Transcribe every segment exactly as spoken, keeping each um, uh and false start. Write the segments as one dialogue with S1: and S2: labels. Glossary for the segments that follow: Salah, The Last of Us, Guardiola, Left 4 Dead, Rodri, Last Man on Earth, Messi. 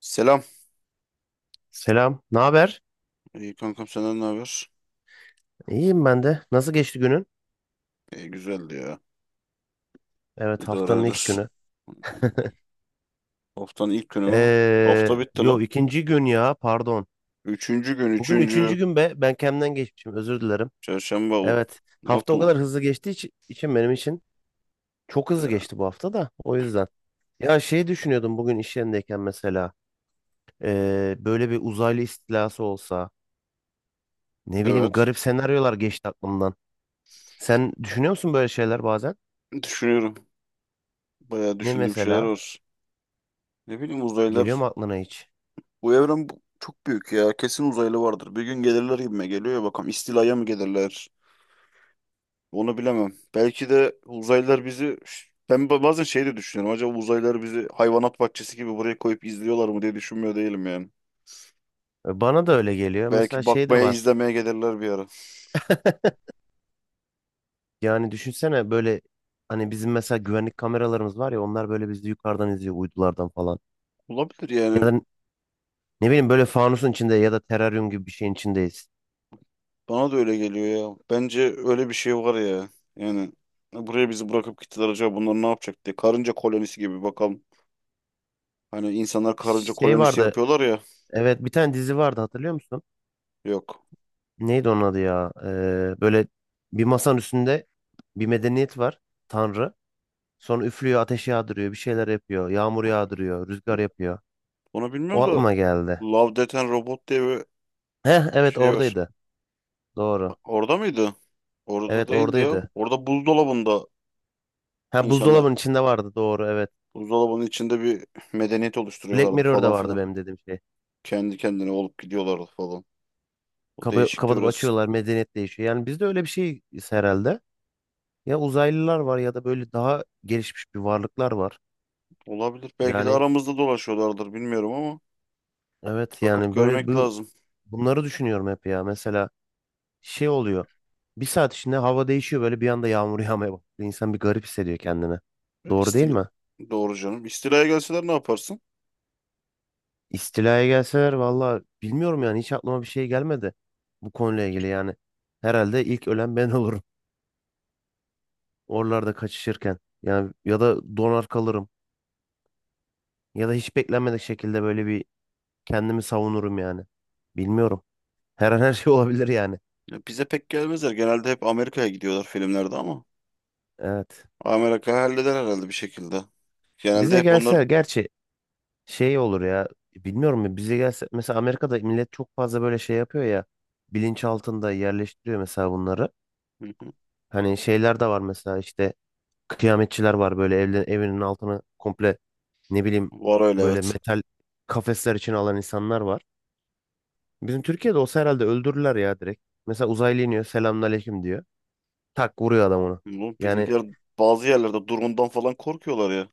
S1: Selam.
S2: Selam, ne haber?
S1: İyi kankam senden ne haber?
S2: İyiyim ben de. Nasıl geçti günün?
S1: İyi güzeldi ya.
S2: Evet, haftanın ilk
S1: İdaredir.
S2: günü.
S1: Haftanın ilk günü mü? Hafta
S2: Ee,
S1: bitti
S2: yo
S1: la.
S2: ikinci gün ya, pardon.
S1: Üçüncü gün,
S2: Bugün
S1: üçüncü.
S2: üçüncü gün be. Ben kendimden geçmişim, özür dilerim.
S1: Çarşamba o.
S2: Evet,
S1: Ne
S2: hafta o kadar
S1: yaptım?
S2: hızlı geçtiği içi- için benim için çok hızlı
S1: Ya.
S2: geçti bu hafta da. O yüzden. Ya şey düşünüyordum bugün iş yerindeyken mesela. ee, böyle bir uzaylı istilası olsa. Ne bileyim
S1: Evet.
S2: garip senaryolar geçti aklımdan. Sen düşünüyor musun böyle şeyler bazen?
S1: Düşünüyorum. Bayağı
S2: Ne
S1: düşündüğüm şeyler
S2: mesela?
S1: var. Ne bileyim,
S2: Geliyor
S1: uzaylılar.
S2: mu aklına hiç?
S1: Bu evren bu- çok büyük ya. Kesin uzaylı vardır. Bir gün gelirler gibime geliyor ya. Bakalım istilaya mı gelirler? Onu bilemem. Belki de uzaylılar bizi... Ben ba- bazen şey de düşünüyorum. Acaba uzaylılar bizi hayvanat bahçesi gibi buraya koyup izliyorlar mı diye düşünmüyor değilim yani.
S2: Bana da öyle geliyor. Mesela
S1: Belki
S2: şey de
S1: bakmaya
S2: var.
S1: izlemeye gelirler bir ara.
S2: Yani düşünsene böyle hani bizim mesela güvenlik kameralarımız var ya, onlar böyle bizi yukarıdan izliyor uydulardan falan.
S1: Olabilir
S2: Ya
S1: yani.
S2: da ne bileyim böyle fanusun içinde ya da teraryum gibi bir şeyin içindeyiz.
S1: Bana da öyle geliyor ya. Bence öyle bir şey var ya. Yani buraya bizi bırakıp gittiler acaba bunlar ne yapacak diye. Karınca kolonisi gibi bakalım. Hani insanlar karınca
S2: Şey
S1: kolonisi
S2: vardı,
S1: yapıyorlar ya.
S2: evet bir tane dizi vardı, hatırlıyor musun?
S1: Yok.
S2: Neydi onun adı ya? Ee, böyle bir masanın üstünde bir medeniyet var, tanrı. Sonra üflüyor, ateş yağdırıyor, bir şeyler yapıyor. Yağmur yağdırıyor, rüzgar yapıyor.
S1: Onu
S2: O
S1: bilmiyorum da
S2: aklıma geldi.
S1: Love, Death and Robot diye bir
S2: Heh evet
S1: şey var.
S2: oradaydı, doğru.
S1: Orada mıydı? Orada
S2: Evet
S1: değildi ya.
S2: oradaydı.
S1: Orada buzdolabında
S2: Ha,
S1: insanlar
S2: buzdolabının içinde vardı, doğru evet.
S1: buzdolabının içinde bir medeniyet
S2: Black
S1: oluşturuyorlardı falan
S2: Mirror'da vardı
S1: filan.
S2: benim dediğim şey.
S1: Kendi kendine olup gidiyorlardı falan. O
S2: Kapa
S1: değişikti
S2: kapatıp
S1: biraz.
S2: açıyorlar, medeniyet değişiyor. Yani bizde öyle bir şey herhalde. Ya uzaylılar var ya da böyle daha gelişmiş bir varlıklar var.
S1: Olabilir. Belki de
S2: Yani
S1: aramızda dolaşıyorlardır bilmiyorum ama
S2: evet,
S1: bakıp
S2: yani böyle
S1: görmek
S2: bu
S1: lazım.
S2: bunları düşünüyorum hep ya. Mesela şey oluyor. Bir saat içinde hava değişiyor, böyle bir anda yağmur yağmaya başlıyor. İnsan bir garip hissediyor kendini. Doğru değil
S1: İstila
S2: mi?
S1: doğru canım. İstilaya gelseler ne yaparsın?
S2: İstilaya gelseler valla bilmiyorum, yani hiç aklıma bir şey gelmedi bu konuyla ilgili yani. Herhalde ilk ölen ben olurum. Oralarda kaçışırken. Yani ya da donar kalırım. Ya da hiç beklenmedik şekilde böyle bir kendimi savunurum yani. Bilmiyorum. Her an her şey olabilir yani.
S1: Ya bize pek gelmezler. Genelde hep Amerika'ya gidiyorlar filmlerde ama
S2: Evet.
S1: Amerika halleder herhalde bir şekilde. Genelde
S2: Bize
S1: hep onlar.
S2: gelse gerçi şey olur ya. Bilmiyorum ya, bize gelse mesela Amerika'da millet çok fazla böyle şey yapıyor ya. Bilinç altında yerleştiriyor mesela bunları.
S1: Hı hı.
S2: Hani şeyler de var mesela, işte kıyametçiler var, böyle evle, evinin altını komple, ne bileyim
S1: Var öyle
S2: böyle
S1: evet.
S2: metal kafesler için alan insanlar var. Bizim Türkiye'de olsa herhalde öldürürler ya direkt. Mesela uzaylı iniyor, selamünaleyküm diyor. Tak vuruyor adam onu.
S1: Bu
S2: Yani
S1: bizimkiler bazı yerlerde drone'dan falan korkuyorlar ya.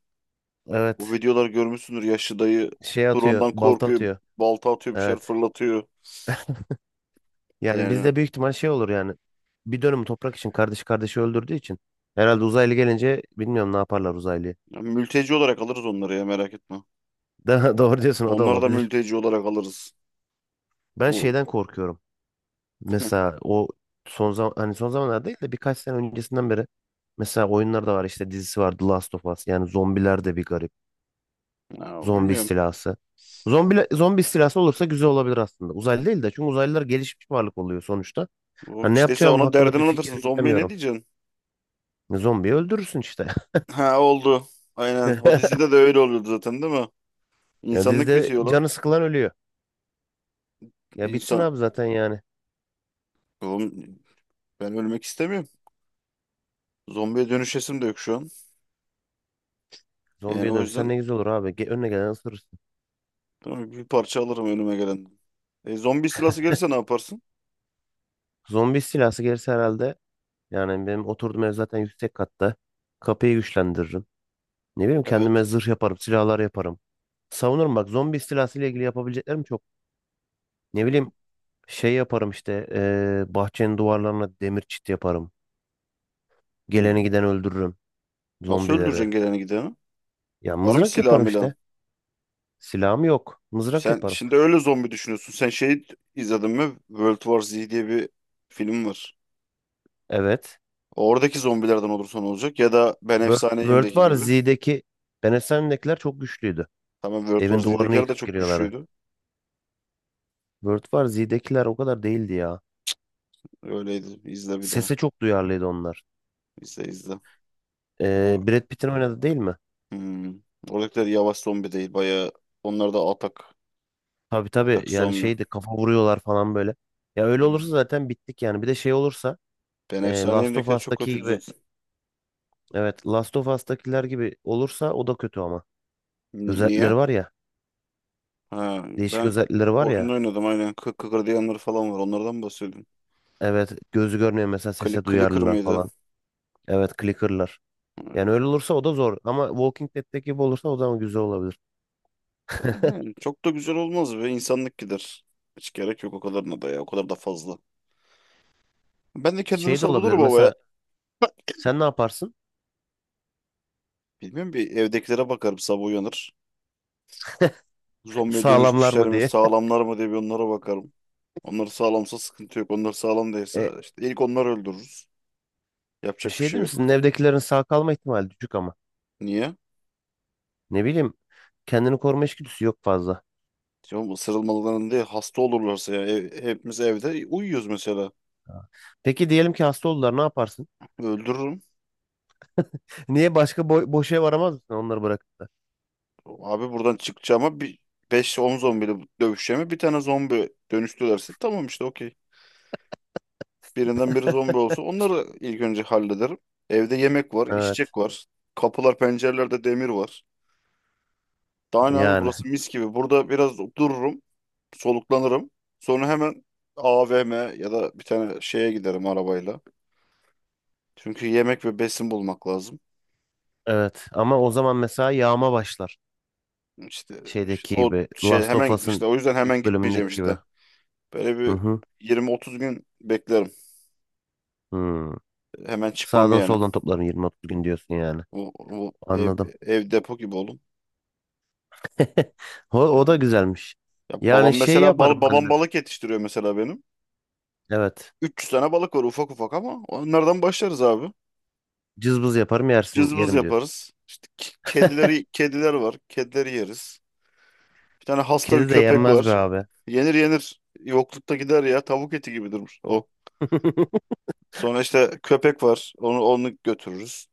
S1: Bu
S2: evet,
S1: videolar görmüşsündür. Yaşlı dayı
S2: şey atıyor,
S1: drone'dan
S2: balta
S1: korkuyor.
S2: atıyor.
S1: Balta atıyor, bir şeyler
S2: Evet.
S1: fırlatıyor.
S2: Yani
S1: Yani
S2: bizde büyük ihtimal şey olur yani. Bir dönüm toprak için kardeş kardeşi öldürdüğü için. Herhalde uzaylı gelince bilmiyorum ne yaparlar uzaylıyı.
S1: ya mülteci olarak alırız onları, ya merak etme.
S2: Da- Doğru diyorsun, o da
S1: Onları da
S2: olabilir.
S1: mülteci olarak alırız.
S2: Ben
S1: O
S2: şeyden korkuyorum.
S1: Ya,
S2: Mesela o son zaman, hani son zamanlar değil de birkaç sene öncesinden beri mesela oyunlar da var, işte dizisi var The Last of Us. Yani zombiler de bir garip. Zombi
S1: bilmiyorum.
S2: istilası. Zombi, zombi istilası olursa güzel olabilir aslında. Uzaylı değil de, çünkü uzaylılar gelişmiş varlık oluyor sonuçta. Ha,
S1: O,
S2: ne
S1: işte sen
S2: yapacağım
S1: ona
S2: hakkında
S1: derdini
S2: bir fikir
S1: anlatırsın. Zombiye ne
S2: yürütemiyorum.
S1: diyeceksin?
S2: Zombiyi öldürürsün işte.
S1: Ha, oldu. Aynen. O dizide de öyle oluyordu zaten, değil mi?
S2: Ya
S1: İnsanlık
S2: dizide
S1: bitiyor lan.
S2: canı sıkılan ölüyor. Ya bitsin
S1: İnsan...
S2: abi zaten yani.
S1: Oğlum, ben ölmek istemiyorum. Zombiye dönüşesim de yok şu an. Yani
S2: Zombiye
S1: o
S2: dönüşsen
S1: yüzden
S2: ne güzel olur abi. Ge- önüne gelen ısırırsın.
S1: tamam, bir parça alırım önüme gelen. E, zombi istilası gelirse ne yaparsın?
S2: Zombi istilası gelirse herhalde yani benim oturduğum ev zaten yüksek katta. Kapıyı güçlendiririm. Ne bileyim kendime
S1: Evet.
S2: zırh yaparım, silahlar yaparım. Savunurum, bak zombi istilası ile ilgili yapabileceklerim çok. Ne bileyim şey yaparım işte eee, bahçenin duvarlarına demir çit yaparım. Geleni
S1: Hmm.
S2: giden öldürürüm
S1: Nasıl
S2: zombileri.
S1: öldüreceksin geleni gideni?
S2: Ya
S1: Var mı
S2: mızrak
S1: silah
S2: yaparım işte.
S1: milan?
S2: Silahım yok. Mızrak
S1: Sen
S2: yaparım.
S1: şimdi öyle zombi düşünüyorsun. Sen şey izledin mi? World War Z diye bir film var.
S2: Evet.
S1: Oradaki zombilerden olursa olacak? Ya da Ben
S2: Word, Word
S1: Efsaneyim'deki
S2: var.
S1: gibi.
S2: Z'deki Benesen'dekiler çok güçlüydü.
S1: Tamam, World War
S2: Evin duvarını
S1: Z'dekiler de
S2: yıkıp
S1: çok
S2: giriyorlardı.
S1: güçlüydü.
S2: Word var. Z'dekiler o kadar değildi ya.
S1: Öyleydi. İzle bir daha.
S2: Sese çok duyarlıydı onlar.
S1: İzle izle.
S2: Ee,
S1: O,
S2: Brad Pitt'in oynadı değil mi?
S1: hmm. Oradakiler yavaş zombi değil. Bayağı onlar da atak.
S2: Tabii tabii.
S1: Atak
S2: Yani
S1: zombi.
S2: şeydi, kafa vuruyorlar falan böyle. Ya öyle
S1: Hmm.
S2: olursa zaten bittik yani. Bir de şey olursa
S1: Ben
S2: e, Last of
S1: Efsaneyim'dekiler çok
S2: Us'taki
S1: kötüydü
S2: gibi.
S1: zaten.
S2: Evet, Last of Us'takiler gibi olursa o da kötü ama.
S1: Ni- niye?
S2: Özellikleri var ya.
S1: Ha,
S2: Değişik
S1: ben
S2: özellikleri var
S1: oyunda
S2: ya.
S1: oynadım aynen. Kık kıkır diyenler falan var. Onlardan bahsediyorum.
S2: Evet gözü görmüyor mesela,
S1: Klik
S2: sese
S1: clicker
S2: duyarlılar
S1: mıydı?
S2: falan. Evet clicker'lar. Yani öyle olursa o da zor. Ama Walking Dead'teki gibi olursa o zaman güzel olabilir.
S1: Yani çok da güzel olmaz ve insanlık gider. Hiç gerek yok o kadarına da ya. O kadar da fazla. Ben de kendimi
S2: Şey de olabilir
S1: savunurum ama ya.
S2: mesela, sen ne yaparsın?
S1: Bilmiyorum, bir evdekilere bakarım sabah uyanır. Zombiye
S2: Sağlamlar
S1: dönüşmüşler
S2: mı
S1: mi
S2: diye.
S1: sağlamlar mı diye bir onlara bakarım. Onlar sağlamsa sıkıntı yok. Onlar sağlam değilse
S2: E,
S1: işte ilk onları öldürürüz.
S2: bir
S1: Yapacak bir
S2: şey değil
S1: şey
S2: mi? Sizin
S1: yok.
S2: evdekilerin sağ kalma ihtimali düşük ama.
S1: Niye?
S2: Ne bileyim, kendini koruma içgüdüsü yok fazla.
S1: Ya bu sarılmalarında değil, hasta olurlarsa ya. Ev- hepimiz evde uyuyoruz mesela.
S2: Ha. Peki diyelim ki hasta oldular, ne yaparsın?
S1: Öldürürüm.
S2: Niye başka boy, boş ev aramaz mısın onları bırakıp da?
S1: Abi buradan çıkacağıma bir beş on zombiyle dövüşeceğime, bir tane zombi dönüştürürlerse tamam işte okey. Birinden biri zombi olsa onları ilk önce hallederim. Evde yemek var,
S2: Evet,
S1: içecek var. Kapılar, pencerelerde demir var. Daha ne abi,
S2: yani
S1: burası mis gibi. Burada biraz dururum, soluklanırım. Sonra hemen A V M ya da bir tane şeye giderim arabayla. Çünkü yemek ve besin bulmak lazım.
S2: evet ama o zaman mesela yağma başlar.
S1: İşte, işte
S2: Şeydeki
S1: o
S2: gibi,
S1: şey
S2: Last of
S1: hemen işte
S2: Us'ın
S1: o yüzden hemen
S2: ilk
S1: gitmeyeceğim
S2: bölümündeki gibi.
S1: işte. Böyle
S2: Hı
S1: bir
S2: hı.
S1: yirmi otuz gün beklerim.
S2: Hı.
S1: Hemen çıkmam
S2: Sağdan
S1: yani.
S2: soldan toplarım, yirmi otuz gün diyorsun yani.
S1: Bu, bu ev,
S2: Anladım.
S1: ev depo gibi oğlum.
S2: O, o da
S1: Yani.
S2: güzelmiş.
S1: Ya
S2: Yani
S1: babam
S2: şey
S1: mesela bal,
S2: yaparım ben de.
S1: babam balık yetiştiriyor mesela benim.
S2: Evet.
S1: üç yüz tane balık var ufak ufak, ama onlardan başlarız abi.
S2: Cızbız yaparım, yersin
S1: Cızbız
S2: yerim diyorsun.
S1: yaparız. İşte k- kedileri, kediler var. Kedileri yeriz. Bir tane hasta bir
S2: Kedi de
S1: köpek
S2: yenmez be
S1: var.
S2: abi.
S1: Yenir yenir. Yoklukta gider ya. Tavuk eti gibi durur o. Sonra işte köpek var. Onu onu götürürüz.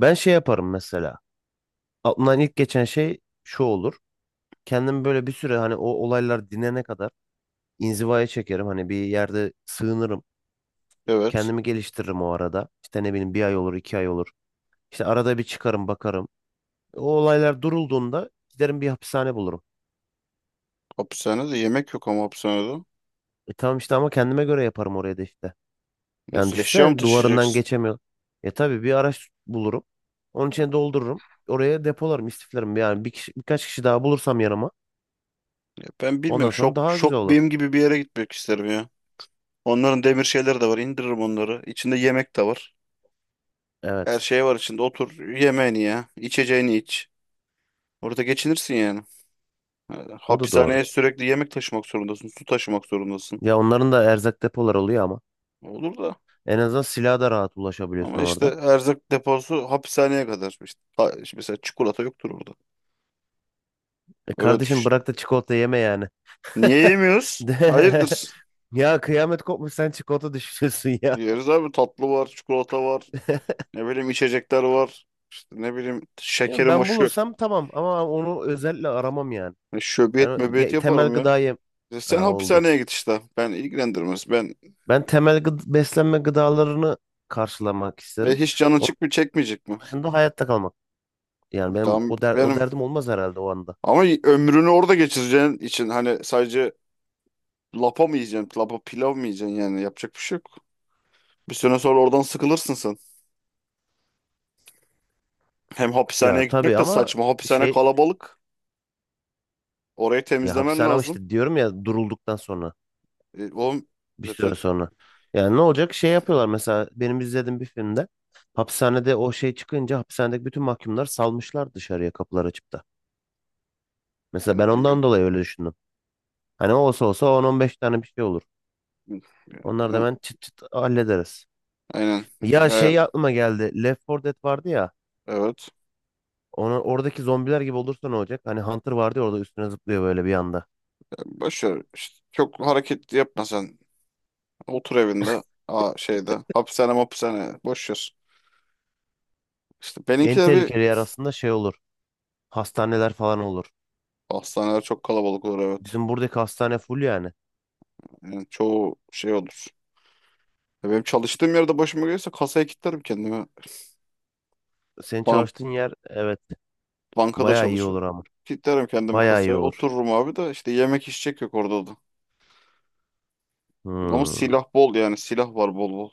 S2: Ben şey yaparım mesela. Aklımdan ilk geçen şey şu olur. Kendimi böyle bir süre, hani o olaylar dinene kadar inzivaya çekerim. Hani bir yerde sığınırım.
S1: Evet.
S2: Kendimi geliştiririm o arada. İşte ne bileyim, bir ay olur, iki ay olur. İşte arada bir çıkarım bakarım. O olaylar durulduğunda giderim bir hapishane bulurum.
S1: Hapishanede yemek yok ama hapishanede.
S2: E tamam işte, ama kendime göre yaparım oraya da işte. Yani
S1: Nasıl eşya mı
S2: düşünsene, duvarından
S1: taşıyacaksın?
S2: geçemiyor. E tabii bir araç bulurum. Onun içine doldururum. Oraya depolarım, istiflerim. Yani bir kişi, birkaç kişi daha bulursam yanıma.
S1: Ya ben
S2: Ondan
S1: bilmiyorum.
S2: sonra
S1: Şok
S2: daha güzel
S1: şok
S2: olur.
S1: benim gibi bir yere gitmek isterim ya. Onların demir şeyleri de var. İndiririm onları. İçinde yemek de var. Her
S2: Evet.
S1: şey var içinde. Otur, yemeğini ya. İçeceğini iç. Orada geçinirsin yani. Yani
S2: O da doğru.
S1: hapishaneye sürekli yemek taşımak zorundasın, su taşımak zorundasın.
S2: Ya onların da erzak depoları oluyor ama.
S1: Olur da.
S2: En azından silaha da rahat ulaşabiliyorsun
S1: Ama işte
S2: orada.
S1: erzak deposu hapishaneye kadar. İşte, ha- işte mesela çikolata yoktur orada.
S2: E
S1: Öyle
S2: kardeşim,
S1: düşün.
S2: bırak da çikolata yeme yani.
S1: Niye yemiyoruz?
S2: De-
S1: Hayırdır?
S2: Ya kıyamet kopmuş, sen çikolata düşünüyorsun ya.
S1: Yeriz abi, tatlı var, çikolata var. Ne bileyim içecekler var. İşte ne bileyim
S2: Değil mi?
S1: şekerim var.
S2: Ben
S1: Şö
S2: bulursam tamam ama onu özellikle aramam yani.
S1: hani
S2: Ben
S1: şöbiyet
S2: o-
S1: möbiyet
S2: ge- temel
S1: yaparım ya.
S2: gıdayı,
S1: E, sen
S2: ha, oldu.
S1: hapishaneye git işte. Ben ilgilendirmez. Ben
S2: Ben temel gıd- beslenme gıdalarını karşılamak
S1: e,
S2: isterim.
S1: hiç canın
S2: Onun
S1: çık mı çekmeyecek mi?
S2: dışında hayatta kalmak. Yani
S1: E
S2: benim
S1: tamam,
S2: o der o
S1: benim
S2: derdim olmaz herhalde o anda.
S1: ama ömrünü orada geçireceğin için hani sadece lapa mı yiyeceksin? Lapa pilav mı yiyeceksin yani? Yapacak bir şey yok. Bir süre sonra oradan sıkılırsın sen. Hem
S2: Ya
S1: hapishaneye
S2: tabii
S1: gitmek de
S2: ama
S1: saçma. Hapishane
S2: şey,
S1: kalabalık. Orayı
S2: ya
S1: temizlemen
S2: hapishane ama
S1: lazım.
S2: işte diyorum ya, durulduktan sonra
S1: E, oğlum
S2: bir süre
S1: zaten
S2: sonra. Yani ne olacak? Şey yapıyorlar mesela benim izlediğim bir filmde, hapishanede o şey çıkınca hapishanedeki bütün mahkumlar salmışlar dışarıya kapılar açıp da. Mesela
S1: yani
S2: ben
S1: bilmiyorum.
S2: ondan dolayı öyle düşündüm. Hani olsa olsa on on beş tane bir şey olur.
S1: Yani ben
S2: Onlar da
S1: o-
S2: hemen çıt çıt hallederiz.
S1: aynen. Şey,
S2: Ya
S1: he,
S2: şey aklıma geldi. Left for Dead vardı ya.
S1: evet.
S2: Ona, oradaki zombiler gibi olursa ne olacak? Hani Hunter vardı ya orada, üstüne zıplıyor böyle bir anda.
S1: E, Boş ver. İşte çok hareket yapma sen. Otur evinde. Aa, şeyde. Hapishane hapishane. Boş ver. İşte
S2: En
S1: benimkiler bir
S2: tehlikeli yer aslında şey olur. Hastaneler falan olur.
S1: hastaneler çok kalabalık olur evet.
S2: Bizim buradaki hastane full yani.
S1: Yani çoğu şey olur. Ya benim çalıştığım yerde başıma gelirse kasaya kilitlerim kendimi.
S2: Senin
S1: Bana
S2: çalıştığın yer, evet
S1: bankada
S2: bayağı iyi
S1: çalışıyorum.
S2: olur ama.
S1: Kilitlerim kendimi
S2: Bayağı iyi
S1: kasaya.
S2: olur.
S1: Otururum abi, de işte yemek içecek yok orada da. Ama
S2: Hmm,
S1: silah bol yani. Silah var bol bol.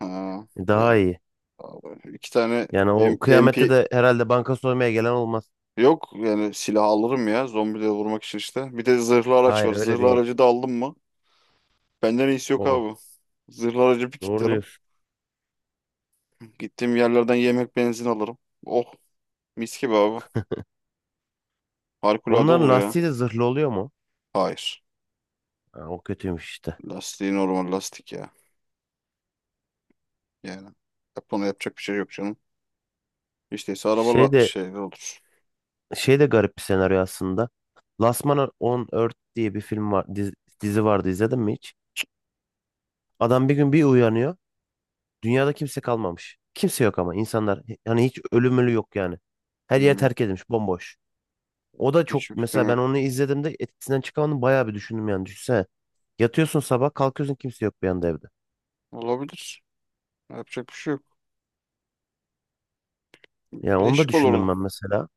S1: Ha, yani
S2: daha iyi.
S1: abi, iki tane
S2: Yani
S1: M-
S2: o kıyamette
S1: MP
S2: de herhalde banka soymaya gelen olmaz.
S1: yok. Yani silah alırım ya zombileri vurmak için işte. Bir de zırhlı araç
S2: Hayır,
S1: var.
S2: öyle
S1: Zırhlı
S2: değil.
S1: aracı da aldım mı? Benden iyisi yok
S2: Oh,
S1: abi. Zırhlı aracı bir
S2: doğru
S1: kilitlerim.
S2: diyorsun.
S1: Gittiğim yerlerden yemek benzin alırım. Oh, mis gibi abi. Harikulade
S2: Onların
S1: olur ya.
S2: lastiği de zırhlı oluyor mu?
S1: Hayır.
S2: Ha, o kötüymüş işte.
S1: Lastiği normal lastik ya. Yani yap- ona yapacak bir şey yok canım. İşte ise
S2: Şey
S1: arabalı
S2: de
S1: şeyler olur.
S2: Şey de garip bir senaryo aslında. Last Man on Earth diye bir film var, dizi, dizi vardı, izledin mi hiç? Adam bir gün bir uyanıyor. Dünyada kimse kalmamış. Kimse yok ama insanlar, hani hiç ölüm ölü yok yani. Her yer
S1: Bilmiyorum.
S2: terk edilmiş, bomboş. O da çok,
S1: Hiçbir fikrim
S2: mesela ben
S1: yok.
S2: onu izlediğimde etkisinden çıkamadım, bayağı bir düşündüm yani düşünsene. Yatıyorsun sabah kalkıyorsun kimse yok bir anda evde.
S1: Olabilir. Yapacak bir şey yok.
S2: Yani onu da
S1: Değişik olurdu.
S2: düşündüm ben mesela.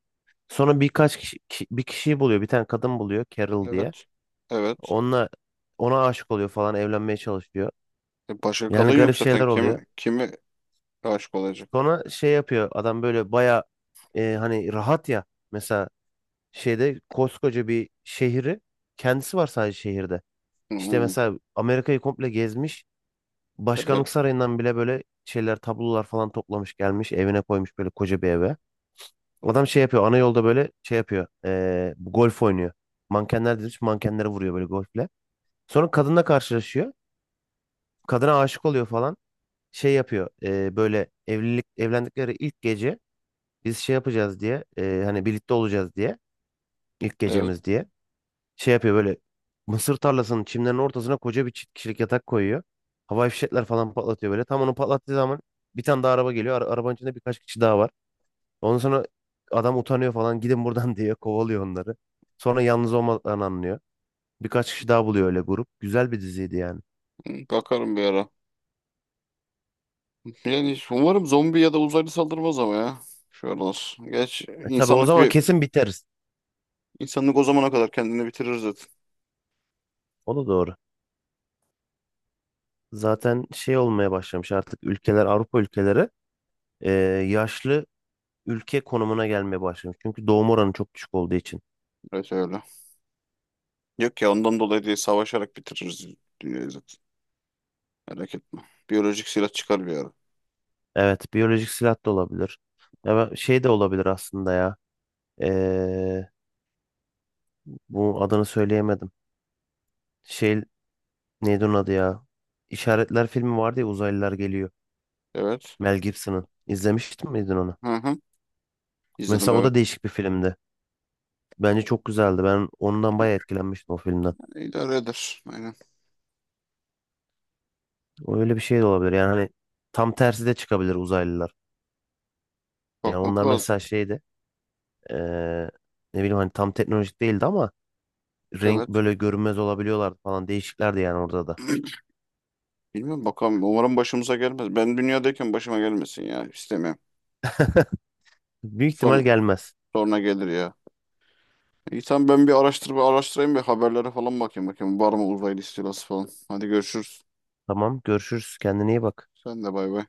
S2: Sonra birkaç kişi, ki- bir kişiyi buluyor. Bir tane kadın buluyor, Carol diye.
S1: Evet. Evet.
S2: Onunla, ona aşık oluyor falan, evlenmeye çalışıyor.
S1: E başka
S2: Yani
S1: kadın yok
S2: garip
S1: zaten.
S2: şeyler oluyor.
S1: Kimi, kimi aşık olacak?
S2: Sonra şey yapıyor adam, böyle baya e, hani rahat ya. Mesela şeyde koskoca bir şehri, kendisi var sadece şehirde.
S1: Hı
S2: İşte
S1: hı.
S2: mesela Amerika'yı komple gezmiş.
S1: Evet.
S2: Başkanlık sarayından bile böyle şeyler, tablolar falan toplamış, gelmiş evine koymuş, böyle koca bir eve. Adam şey yapıyor ana yolda, böyle şey yapıyor e, bu golf oynuyor. Mankenler demiş, mankenlere vuruyor böyle golfle. Sonra kadınla karşılaşıyor. Kadına aşık oluyor falan. Şey yapıyor e, böyle evlilik evlendikleri ilk gece biz şey yapacağız diye, e, hani birlikte olacağız diye, ilk
S1: Evet.
S2: gecemiz diye şey yapıyor böyle, mısır tarlasının, çimlerin ortasına koca bir çift kişilik yatak koyuyor. Havai fişekler falan patlatıyor böyle. Tam onu patlattığı zaman bir tane daha araba geliyor. Ara- arabanın içinde birkaç kişi daha var. Ondan sonra adam utanıyor falan, gidin buradan diye kovalıyor onları. Sonra yalnız olmadan anlıyor. Birkaç kişi daha buluyor, öyle grup. Güzel bir diziydi yani.
S1: Hı. Bakarım bir ara. Yani umarım zombi ya da uzaylı saldırmaz ama ya. Şu aralar. Geç
S2: E tabii o
S1: insanlık
S2: zaman
S1: bir,
S2: kesin biteriz.
S1: insanlık o zamana kadar kendini bitirir zaten.
S2: O da doğru. Zaten şey olmaya başlamış artık, ülkeler, Avrupa ülkeleri e, yaşlı ülke konumuna gelmeye başlamış. Çünkü doğum oranı çok düşük olduğu için.
S1: Evet öyle. Yok ya, ondan dolayı değil, savaşarak bitiririz dünyayı zaten. Merak etme. Biyolojik silah çıkar bir ara.
S2: Evet, biyolojik silah da olabilir. Ya ben- şey de olabilir aslında ya. Ee, Bu adını söyleyemedim. Şey, neydi onun adı ya? İşaretler filmi vardı ya, uzaylılar geliyor.
S1: Evet.
S2: Mel Gibson'ın. İzlemiştin miydin onu?
S1: Hı hı. İzledim
S2: Mesela o da
S1: evet.
S2: değişik bir filmdi. Bence çok güzeldi. Ben ondan bayağı etkilenmiştim o filmden.
S1: İdare eder. Aynen.
S2: Öyle bir şey de olabilir. Yani hani tam tersi de çıkabilir uzaylılar. Yani
S1: Bakmak
S2: onlar
S1: lazım.
S2: mesela şeydi. ee, Ne bileyim, hani tam teknolojik değildi ama renk
S1: Evet.
S2: böyle görünmez olabiliyorlardı falan, değişiklerdi yani orada da.
S1: Bilmiyorum, bakalım. Umarım başımıza gelmez. Ben dünyadayken başıma gelmesin ya. İstemiyorum.
S2: Büyük ihtimal
S1: Son,
S2: gelmez.
S1: sonra gelir ya. İyi tamam, ben bir araştır, bir araştırayım, bir haberlere falan bakayım bakayım. Var mı uzaylı istilası falan. Hadi görüşürüz.
S2: Tamam görüşürüz, kendine iyi bak.
S1: Sen de bay bay.